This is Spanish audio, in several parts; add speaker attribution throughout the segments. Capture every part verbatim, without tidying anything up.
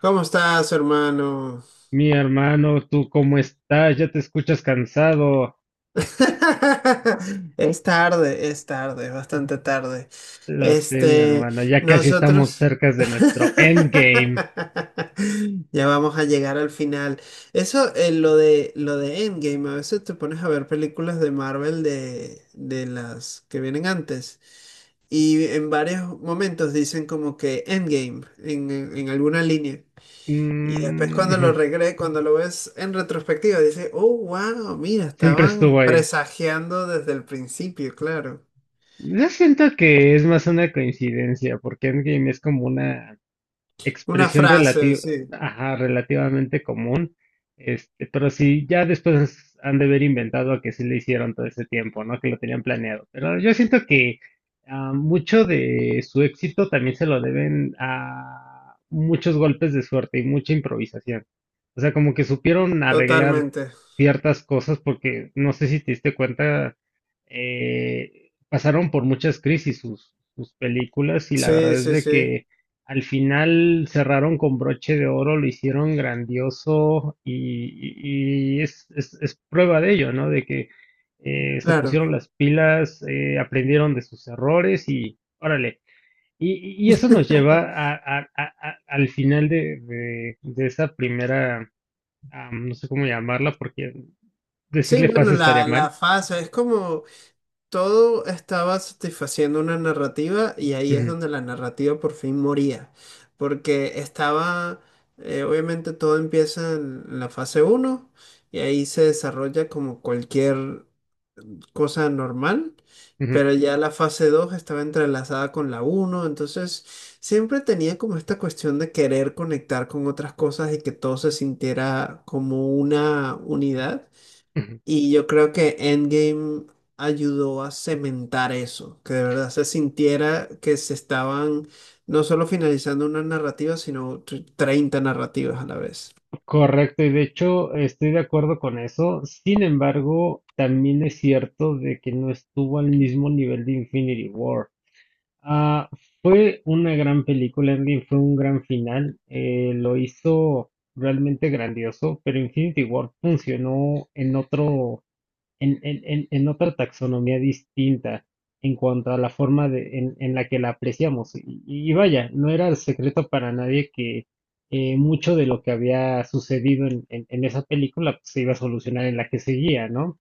Speaker 1: ¿Cómo estás, hermano?
Speaker 2: Mi hermano, ¿tú cómo estás? Ya te escuchas cansado.
Speaker 1: Es tarde, es tarde, bastante tarde.
Speaker 2: Lo sé, mi
Speaker 1: Este,
Speaker 2: hermano, ya casi estamos
Speaker 1: Nosotros
Speaker 2: cerca de nuestro endgame.
Speaker 1: ya vamos a llegar al final. Eso, eh, lo de, lo de Endgame, a veces te pones a ver películas de Marvel de, de las que vienen antes. Y en varios momentos dicen como que Endgame en en alguna línea. Y después cuando
Speaker 2: Mm,
Speaker 1: lo regre, cuando lo ves en retrospectiva, dices, oh, wow, mira,
Speaker 2: Siempre
Speaker 1: estaban
Speaker 2: estuvo ahí.
Speaker 1: presagiando desde el principio, claro.
Speaker 2: Yo siento que es más una coincidencia, porque Endgame es como una
Speaker 1: Una
Speaker 2: expresión
Speaker 1: frase,
Speaker 2: relati-
Speaker 1: sí,
Speaker 2: ajá, relativamente común. Este, pero sí, ya después han de haber inventado que sí le hicieron todo ese tiempo, ¿no? Que lo tenían planeado. Pero yo siento que ah, mucho de su éxito también se lo deben a muchos golpes de suerte y mucha improvisación. O sea, como que supieron arreglar
Speaker 1: totalmente.
Speaker 2: ciertas cosas porque no sé si te diste cuenta, eh, pasaron por muchas crisis sus, sus películas y la
Speaker 1: Sí,
Speaker 2: verdad es
Speaker 1: sí,
Speaker 2: de
Speaker 1: sí,
Speaker 2: que al final cerraron con broche de oro, lo hicieron grandioso y, y- y es, es- es prueba de ello, ¿no? De que eh, se
Speaker 1: claro.
Speaker 2: pusieron las pilas, eh, aprendieron de sus errores y órale. Y, y eso nos lleva a- a- a- a- al final de, de- de esa primera, am, no sé cómo llamarla, porque
Speaker 1: Sí,
Speaker 2: decirle
Speaker 1: bueno,
Speaker 2: fase estaría
Speaker 1: la, la
Speaker 2: mal.
Speaker 1: fase es como todo estaba satisfaciendo una narrativa y ahí es
Speaker 2: Ujú,
Speaker 1: donde la narrativa por fin moría, porque estaba, eh, obviamente todo empieza en la fase uno y ahí se desarrolla como cualquier cosa normal,
Speaker 2: ujú,
Speaker 1: pero ya la fase dos estaba entrelazada con la uno, entonces siempre tenía como esta cuestión de querer conectar con otras cosas y que todo se sintiera como una unidad.
Speaker 2: ujú.
Speaker 1: Y yo creo que Endgame ayudó a cementar eso, que de verdad se sintiera que se estaban no solo finalizando una narrativa, sino tr- treinta narrativas a la vez.
Speaker 2: Correcto, y de hecho estoy de acuerdo con eso. Sin embargo, también es cierto de que no estuvo al mismo nivel de Infinity War. Ah, fue una gran película, Endgame fue un gran final, eh, lo hizo realmente grandioso, pero Infinity War funcionó en otro, en, en- en- en otra taxonomía distinta en cuanto a la forma de, en, en la que la apreciamos. Y, y vaya, no era el secreto para nadie que eh, mucho de lo que había sucedido en, en- en esa película pues, se iba a solucionar en la que seguía, ¿no?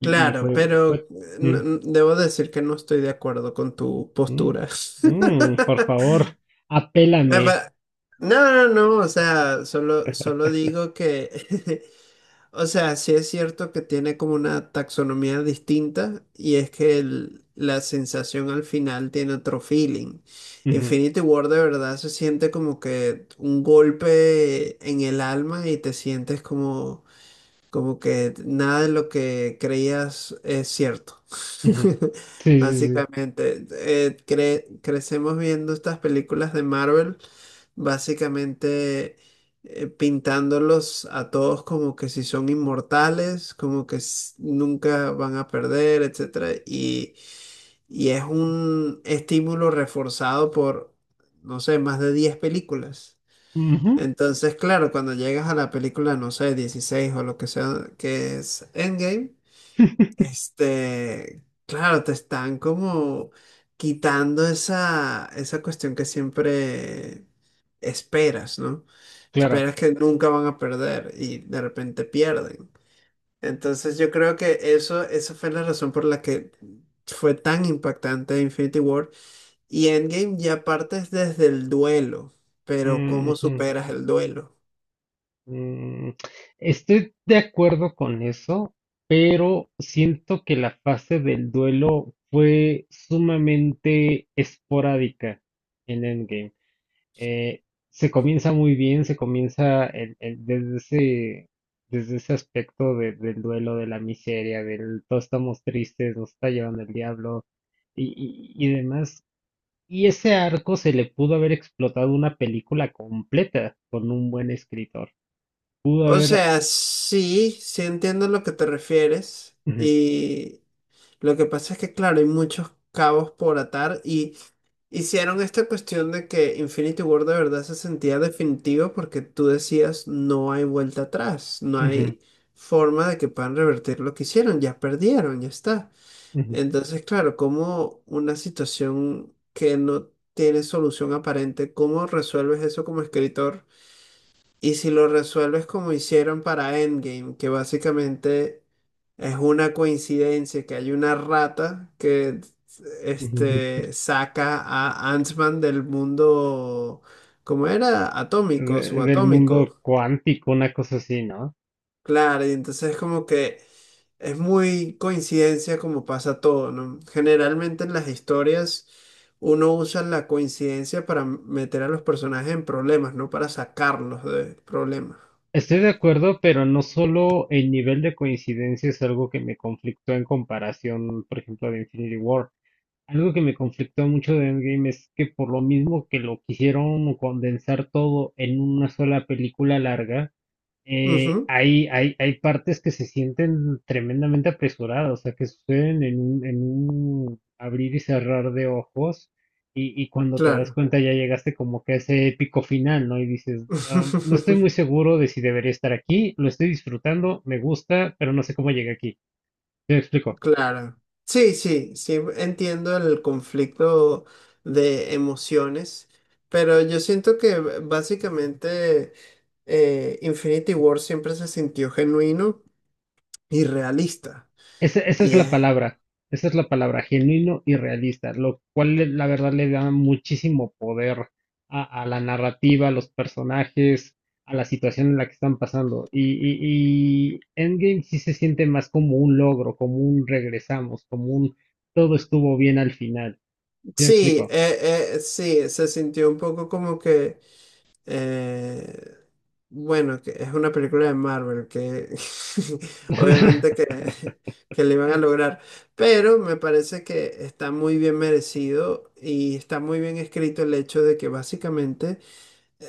Speaker 2: Y, y
Speaker 1: Claro,
Speaker 2: fue, fue,
Speaker 1: pero eh,
Speaker 2: mm,
Speaker 1: no- no- debo decir que no estoy de acuerdo con tu
Speaker 2: mm,
Speaker 1: postura.
Speaker 2: mm, Por favor,
Speaker 1: Ah,
Speaker 2: apélame.
Speaker 1: va- No, no, no, no, o sea, solo, solo digo que, o sea, sí es cierto que tiene como una taxonomía distinta y es que el- la sensación al final tiene otro feeling. Infinity War de verdad se siente como que un golpe en el alma y te sientes como, como que nada de lo que creías es cierto.
Speaker 2: Ujú, ujú. Sí, sí, sí.
Speaker 1: Básicamente, eh, cre- crecemos viendo estas películas de Marvel básicamente eh, pintándolos a todos como que si son inmortales, como que s- nunca van a perder, etcétera. Y, y es un estímulo reforzado por, no sé, más de diez películas.
Speaker 2: Ujú.
Speaker 1: Entonces, claro, cuando llegas a la película, no sé, dieciséis o lo que sea, que es Endgame, este, claro, te están como quitando esa, esa cuestión que siempre esperas, ¿no?
Speaker 2: Claro.
Speaker 1: Esperas que nunca van a perder y de repente pierden. Entonces yo creo que eso, esa fue la razón por la que fue tan impactante Infinity War. Y Endgame ya partes desde el duelo, pero ¿cómo
Speaker 2: Ujú.
Speaker 1: superas el duelo?
Speaker 2: Mm, Estoy de acuerdo con eso, pero siento que la fase del duelo fue sumamente esporádica en Endgame. Eh, Se comienza muy bien, se comienza el- el- desde ese, desde ese aspecto de- del duelo, de la miseria, del todos estamos tristes, nos está llevando el diablo y, y y demás. Y ese arco se le pudo haber explotado una película completa con un buen escritor pudo
Speaker 1: O
Speaker 2: haber.
Speaker 1: sea, sí, sí entiendo a lo que te refieres,
Speaker 2: Ujú,
Speaker 1: y lo que pasa es que, claro, hay muchos cabos por atar y hicieron esta cuestión de que Infinity War de verdad se sentía definitivo porque tú decías no hay vuelta atrás, no
Speaker 2: ujú,
Speaker 1: hay forma de que puedan revertir lo que hicieron, ya perdieron, ya está.
Speaker 2: ujú,
Speaker 1: Entonces, claro, como una situación que no tiene solución aparente, ¿cómo resuelves eso como escritor? Y si lo resuelves como hicieron para Endgame, que básicamente es una coincidencia que hay una rata que
Speaker 2: ujú.
Speaker 1: este, saca a Ant-Man del mundo, como era? Atómico,
Speaker 2: De- del mundo
Speaker 1: subatómico.
Speaker 2: cuántico, una cosa así, ¿no?
Speaker 1: Claro, y entonces es como que es muy coincidencia como pasa todo, ¿no? Generalmente en las historias uno usa la coincidencia para meter a los personajes en problemas, no para sacarlos de problemas.
Speaker 2: Estoy de acuerdo, pero no solo el nivel de coincidencia es algo que me conflictó en comparación, por ejemplo, de Infinity War. Algo que me conflictó mucho de Endgame es que por lo mismo que lo quisieron condensar todo en una sola película larga, eh,
Speaker 1: Ujú.
Speaker 2: hay, hay, hay partes que se sienten tremendamente apresuradas, o sea, que suceden en un, en un abrir y cerrar de ojos, y, y cuando te das
Speaker 1: Claro,
Speaker 2: cuenta ya llegaste como que a ese épico final, ¿no? Y dices, "Ah, no estoy muy seguro de si debería estar aquí, lo estoy disfrutando, me gusta, pero no sé cómo llegué aquí". ¿Te explico?
Speaker 1: claro. Sí, sí, sí, entiendo el conflicto de emociones, pero yo siento que b- básicamente eh, Infinity War siempre se sintió genuino y realista.
Speaker 2: Esa, esa es
Speaker 1: Y
Speaker 2: la
Speaker 1: es-
Speaker 2: palabra, esa es la palabra, genuino y realista, lo cual le- la verdad le da muchísimo poder a, a la narrativa, a los personajes, a la situación en la que están pasando. Y, y, y Endgame sí se siente más como un logro, como un regresamos, como un todo estuvo bien al final. ¿Sí me
Speaker 1: sí,
Speaker 2: explico?
Speaker 1: eh, eh, sí, se sintió un poco como que Eh, bueno, que es una película de Marvel que obviamente que, que le van a lograr, pero me parece que está muy bien merecido y está muy bien escrito el hecho de que básicamente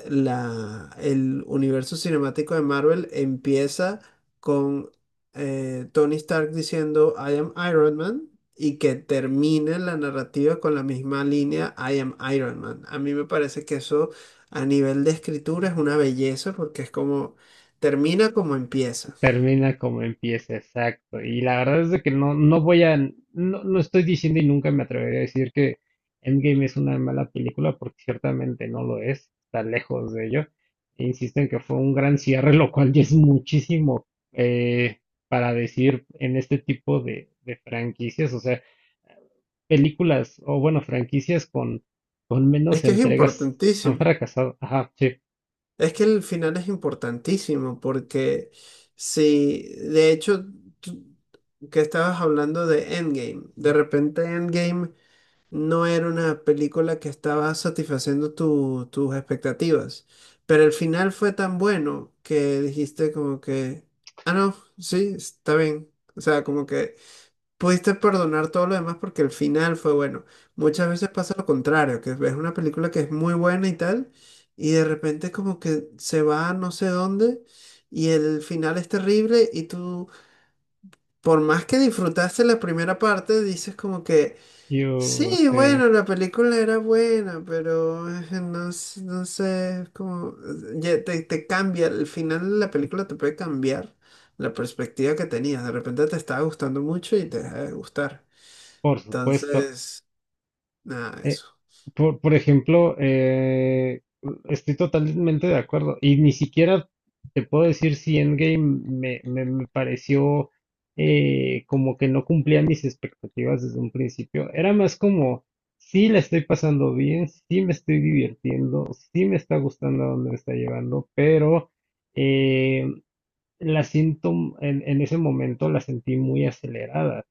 Speaker 1: la, el universo cinemático de Marvel empieza con eh, Tony Stark diciendo I am Iron Man y que termine la narrativa con la misma línea I am Iron Man. A mí me parece que eso a nivel de escritura es una belleza porque es como termina como empieza.
Speaker 2: Termina como empieza, exacto. Y la verdad es de que no, no voy a, no, no estoy diciendo y nunca me atreveré a decir que Endgame es una mala película, porque ciertamente no lo es, está lejos de ello. E insisto en que fue un gran cierre, lo cual ya es muchísimo eh, para decir en este tipo de, de franquicias, o sea, películas, o bueno, franquicias con, con
Speaker 1: Es
Speaker 2: menos
Speaker 1: que es
Speaker 2: entregas han
Speaker 1: importantísimo.
Speaker 2: fracasado. Ajá, sí,
Speaker 1: Es que el final es importantísimo porque si, de hecho, tú- que estabas hablando de Endgame, de repente Endgame no era una película que estaba satisfaciendo tu- tus expectativas, pero el final fue tan bueno que dijiste como que, ah, no, sí, está bien. O sea, como que pudiste perdonar todo lo demás porque el final fue bueno. Muchas veces pasa lo contrario, que ves una película que es muy buena y tal, y de repente como que se va a no sé dónde y el final es terrible y tú, por más que disfrutaste la primera parte, dices como que,
Speaker 2: yo
Speaker 1: sí, bueno,
Speaker 2: sé,
Speaker 1: la película era buena, pero eh, no, s- no sé, es como, ya te, te cambia, el final de la película te puede cambiar la perspectiva que tenías. De repente te estaba gustando mucho y te deja de gustar.
Speaker 2: por supuesto.
Speaker 1: Entonces, nada,
Speaker 2: Eh,
Speaker 1: eso.
Speaker 2: Por, por ejemplo, eh, estoy totalmente de acuerdo. Y ni siquiera te puedo decir si Endgame me, me, me pareció eh, como que no cumplía mis expectativas desde un principio. Era más como, sí la estoy pasando bien, sí me estoy divirtiendo, sí me está gustando a dónde me está llevando, pero eh, la siento en, en ese momento la sentí muy acelerada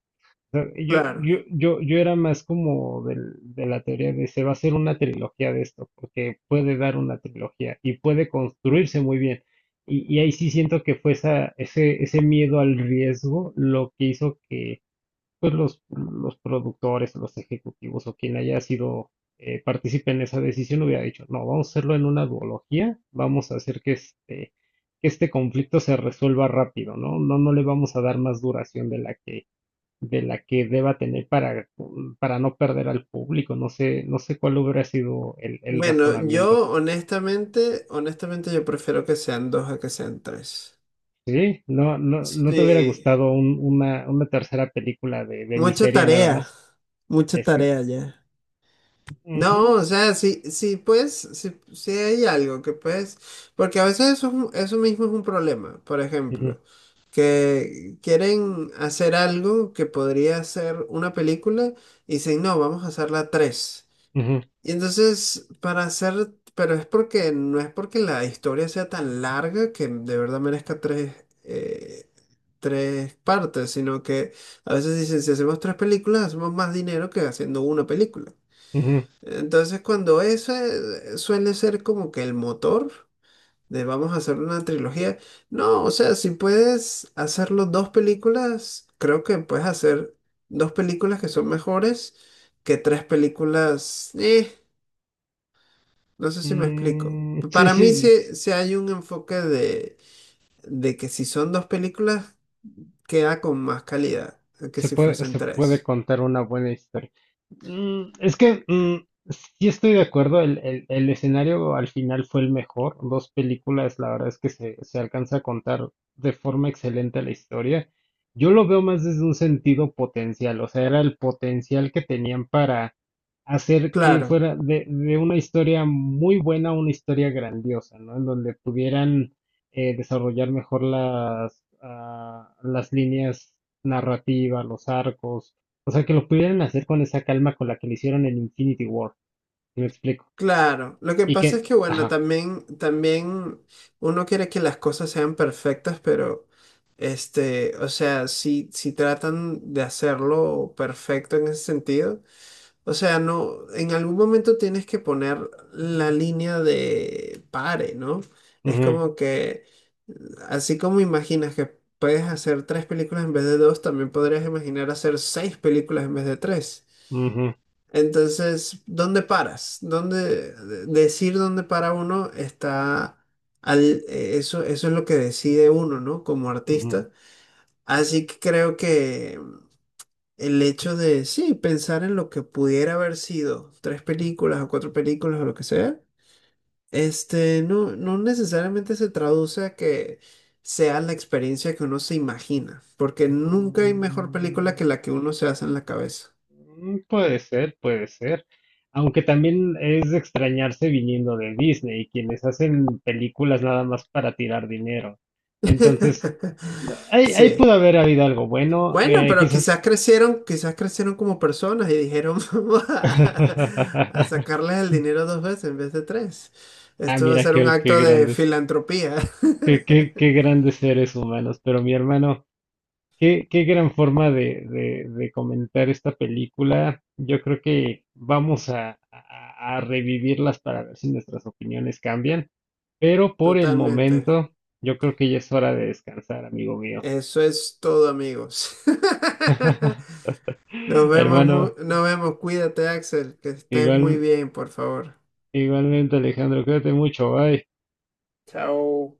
Speaker 2: sea, Yo,
Speaker 1: Claro.
Speaker 2: yo, yo, yo era más como del- de la teoría de se va a hacer una trilogía de esto, porque puede dar una trilogía y puede construirse muy bien. Y, y ahí sí siento que fue esa, ese, ese miedo al riesgo lo que hizo que pues los, los productores, los ejecutivos o quien haya sido eh, partícipe en esa decisión hubiera dicho, no, vamos a hacerlo en una duología, vamos a hacer que este, que este conflicto se resuelva rápido, ¿no? No, no le vamos a dar más duración de la que de la que deba tener para, mm, para no perder al público. No sé, no sé cuál hubiera sido el, el
Speaker 1: Bueno,
Speaker 2: razonamiento.
Speaker 1: yo honestamente, honestamente yo prefiero que sean dos a que sean tres.
Speaker 2: Sí, no, no, no te hubiera
Speaker 1: Sí.
Speaker 2: gustado un- una, una tercera película de, de
Speaker 1: Mucha
Speaker 2: miseria nada
Speaker 1: tarea,
Speaker 2: más.
Speaker 1: mucha
Speaker 2: Es que.
Speaker 1: tarea ya. No,
Speaker 2: Ujú,
Speaker 1: o sea, sí, sí, pues, sí, sí hay algo que puedes, porque a veces eso, es un- eso mismo es un problema, por
Speaker 2: ujú,
Speaker 1: ejemplo, que quieren hacer algo que podría ser una película y dicen, no, vamos a hacerla tres.
Speaker 2: ujú,
Speaker 1: Y entonces, para hacer, pero es porque no es porque la historia sea tan larga que de verdad merezca tres, eh, tres partes, sino que a veces dicen, si hacemos tres películas, hacemos más dinero que haciendo una película.
Speaker 2: ujú.
Speaker 1: Entonces, cuando eso eh, suele ser como que el motor de vamos a hacer una trilogía, no, o sea, si puedes hacerlo dos películas, creo que puedes hacer dos películas que son mejores que tres películas. Eh, no sé si me explico.
Speaker 2: Mm, sí,
Speaker 1: Para
Speaker 2: sí.
Speaker 1: mí sí, sí hay un enfoque de, de, que si son dos películas, queda con más calidad que
Speaker 2: Se
Speaker 1: si
Speaker 2: puede,
Speaker 1: fuesen
Speaker 2: se puede
Speaker 1: tres.
Speaker 2: contar una buena historia. Mm, es que mm, sí estoy de acuerdo, el, el- el escenario al final fue el mejor. Dos películas, la verdad es que se, se alcanza a contar de forma excelente la historia. Yo lo veo más desde un sentido potencial, o sea, era el potencial que tenían para hacer que
Speaker 1: Claro,
Speaker 2: fuera de, de una historia muy buena a una historia grandiosa, ¿no? En donde pudieran eh, desarrollar mejor las, ah, las líneas narrativa, los arcos, o sea, que lo pudieran hacer con esa calma con la que lo hicieron en Infinity War, si me explico.
Speaker 1: claro. Lo que
Speaker 2: Y
Speaker 1: pasa es
Speaker 2: que,
Speaker 1: que, bueno,
Speaker 2: ajá,
Speaker 1: también, también uno quiere que las cosas sean perfectas, pero, este, o sea, si, si tratan de hacerlo perfecto en ese sentido. O sea, no, en algún momento tienes que poner la línea de pare, ¿no? Es
Speaker 2: ujú,
Speaker 1: como que, así como imaginas que puedes hacer tres películas en vez de dos, también podrías imaginar hacer seis películas en vez de tres.
Speaker 2: ujú,
Speaker 1: Entonces, ¿dónde paras? ¿Dónde de- decir dónde para uno está al, eh, eso, eso es lo que decide uno, ¿no? Como
Speaker 2: ujú.
Speaker 1: artista. Así que creo que el hecho de, sí, pensar en lo que pudiera haber sido, tres películas o cuatro películas o lo que sea, este, no, no necesariamente se traduce a que sea la experiencia que uno se imagina, porque nunca hay mejor película que la que uno se hace en la cabeza.
Speaker 2: Mm, puede ser, puede ser. Aunque también es de extrañarse viniendo de Disney, quienes hacen películas nada más para tirar dinero. Entonces, ahí, ahí
Speaker 1: Sí.
Speaker 2: pudo haber habido algo bueno,
Speaker 1: Bueno,
Speaker 2: eh,
Speaker 1: pero quizás
Speaker 2: quizás.
Speaker 1: crecieron, quizás crecieron como personas y dijeron, vamos a, a sacarles el dinero dos veces en vez de tres.
Speaker 2: Ah,
Speaker 1: Esto va a
Speaker 2: mira,
Speaker 1: ser un
Speaker 2: qué, qué
Speaker 1: acto de
Speaker 2: grandes.
Speaker 1: filantropía.
Speaker 2: Qué, qué, qué grandes seres humanos, pero mi hermano, qué, qué gran forma de, de, de comentar esta película. Yo creo que vamos a, a- a revivirlas para ver si nuestras opiniones cambian, pero por el
Speaker 1: Totalmente.
Speaker 2: momento yo creo que ya es hora de descansar, amigo mío.
Speaker 1: Eso es todo, amigos. Nos vemos, mu-
Speaker 2: Hermano,
Speaker 1: nos vemos. Cuídate, Axel, que estés muy
Speaker 2: igual,
Speaker 1: bien, por favor.
Speaker 2: igualmente Alejandro, cuídate mucho, bye.
Speaker 1: Chao.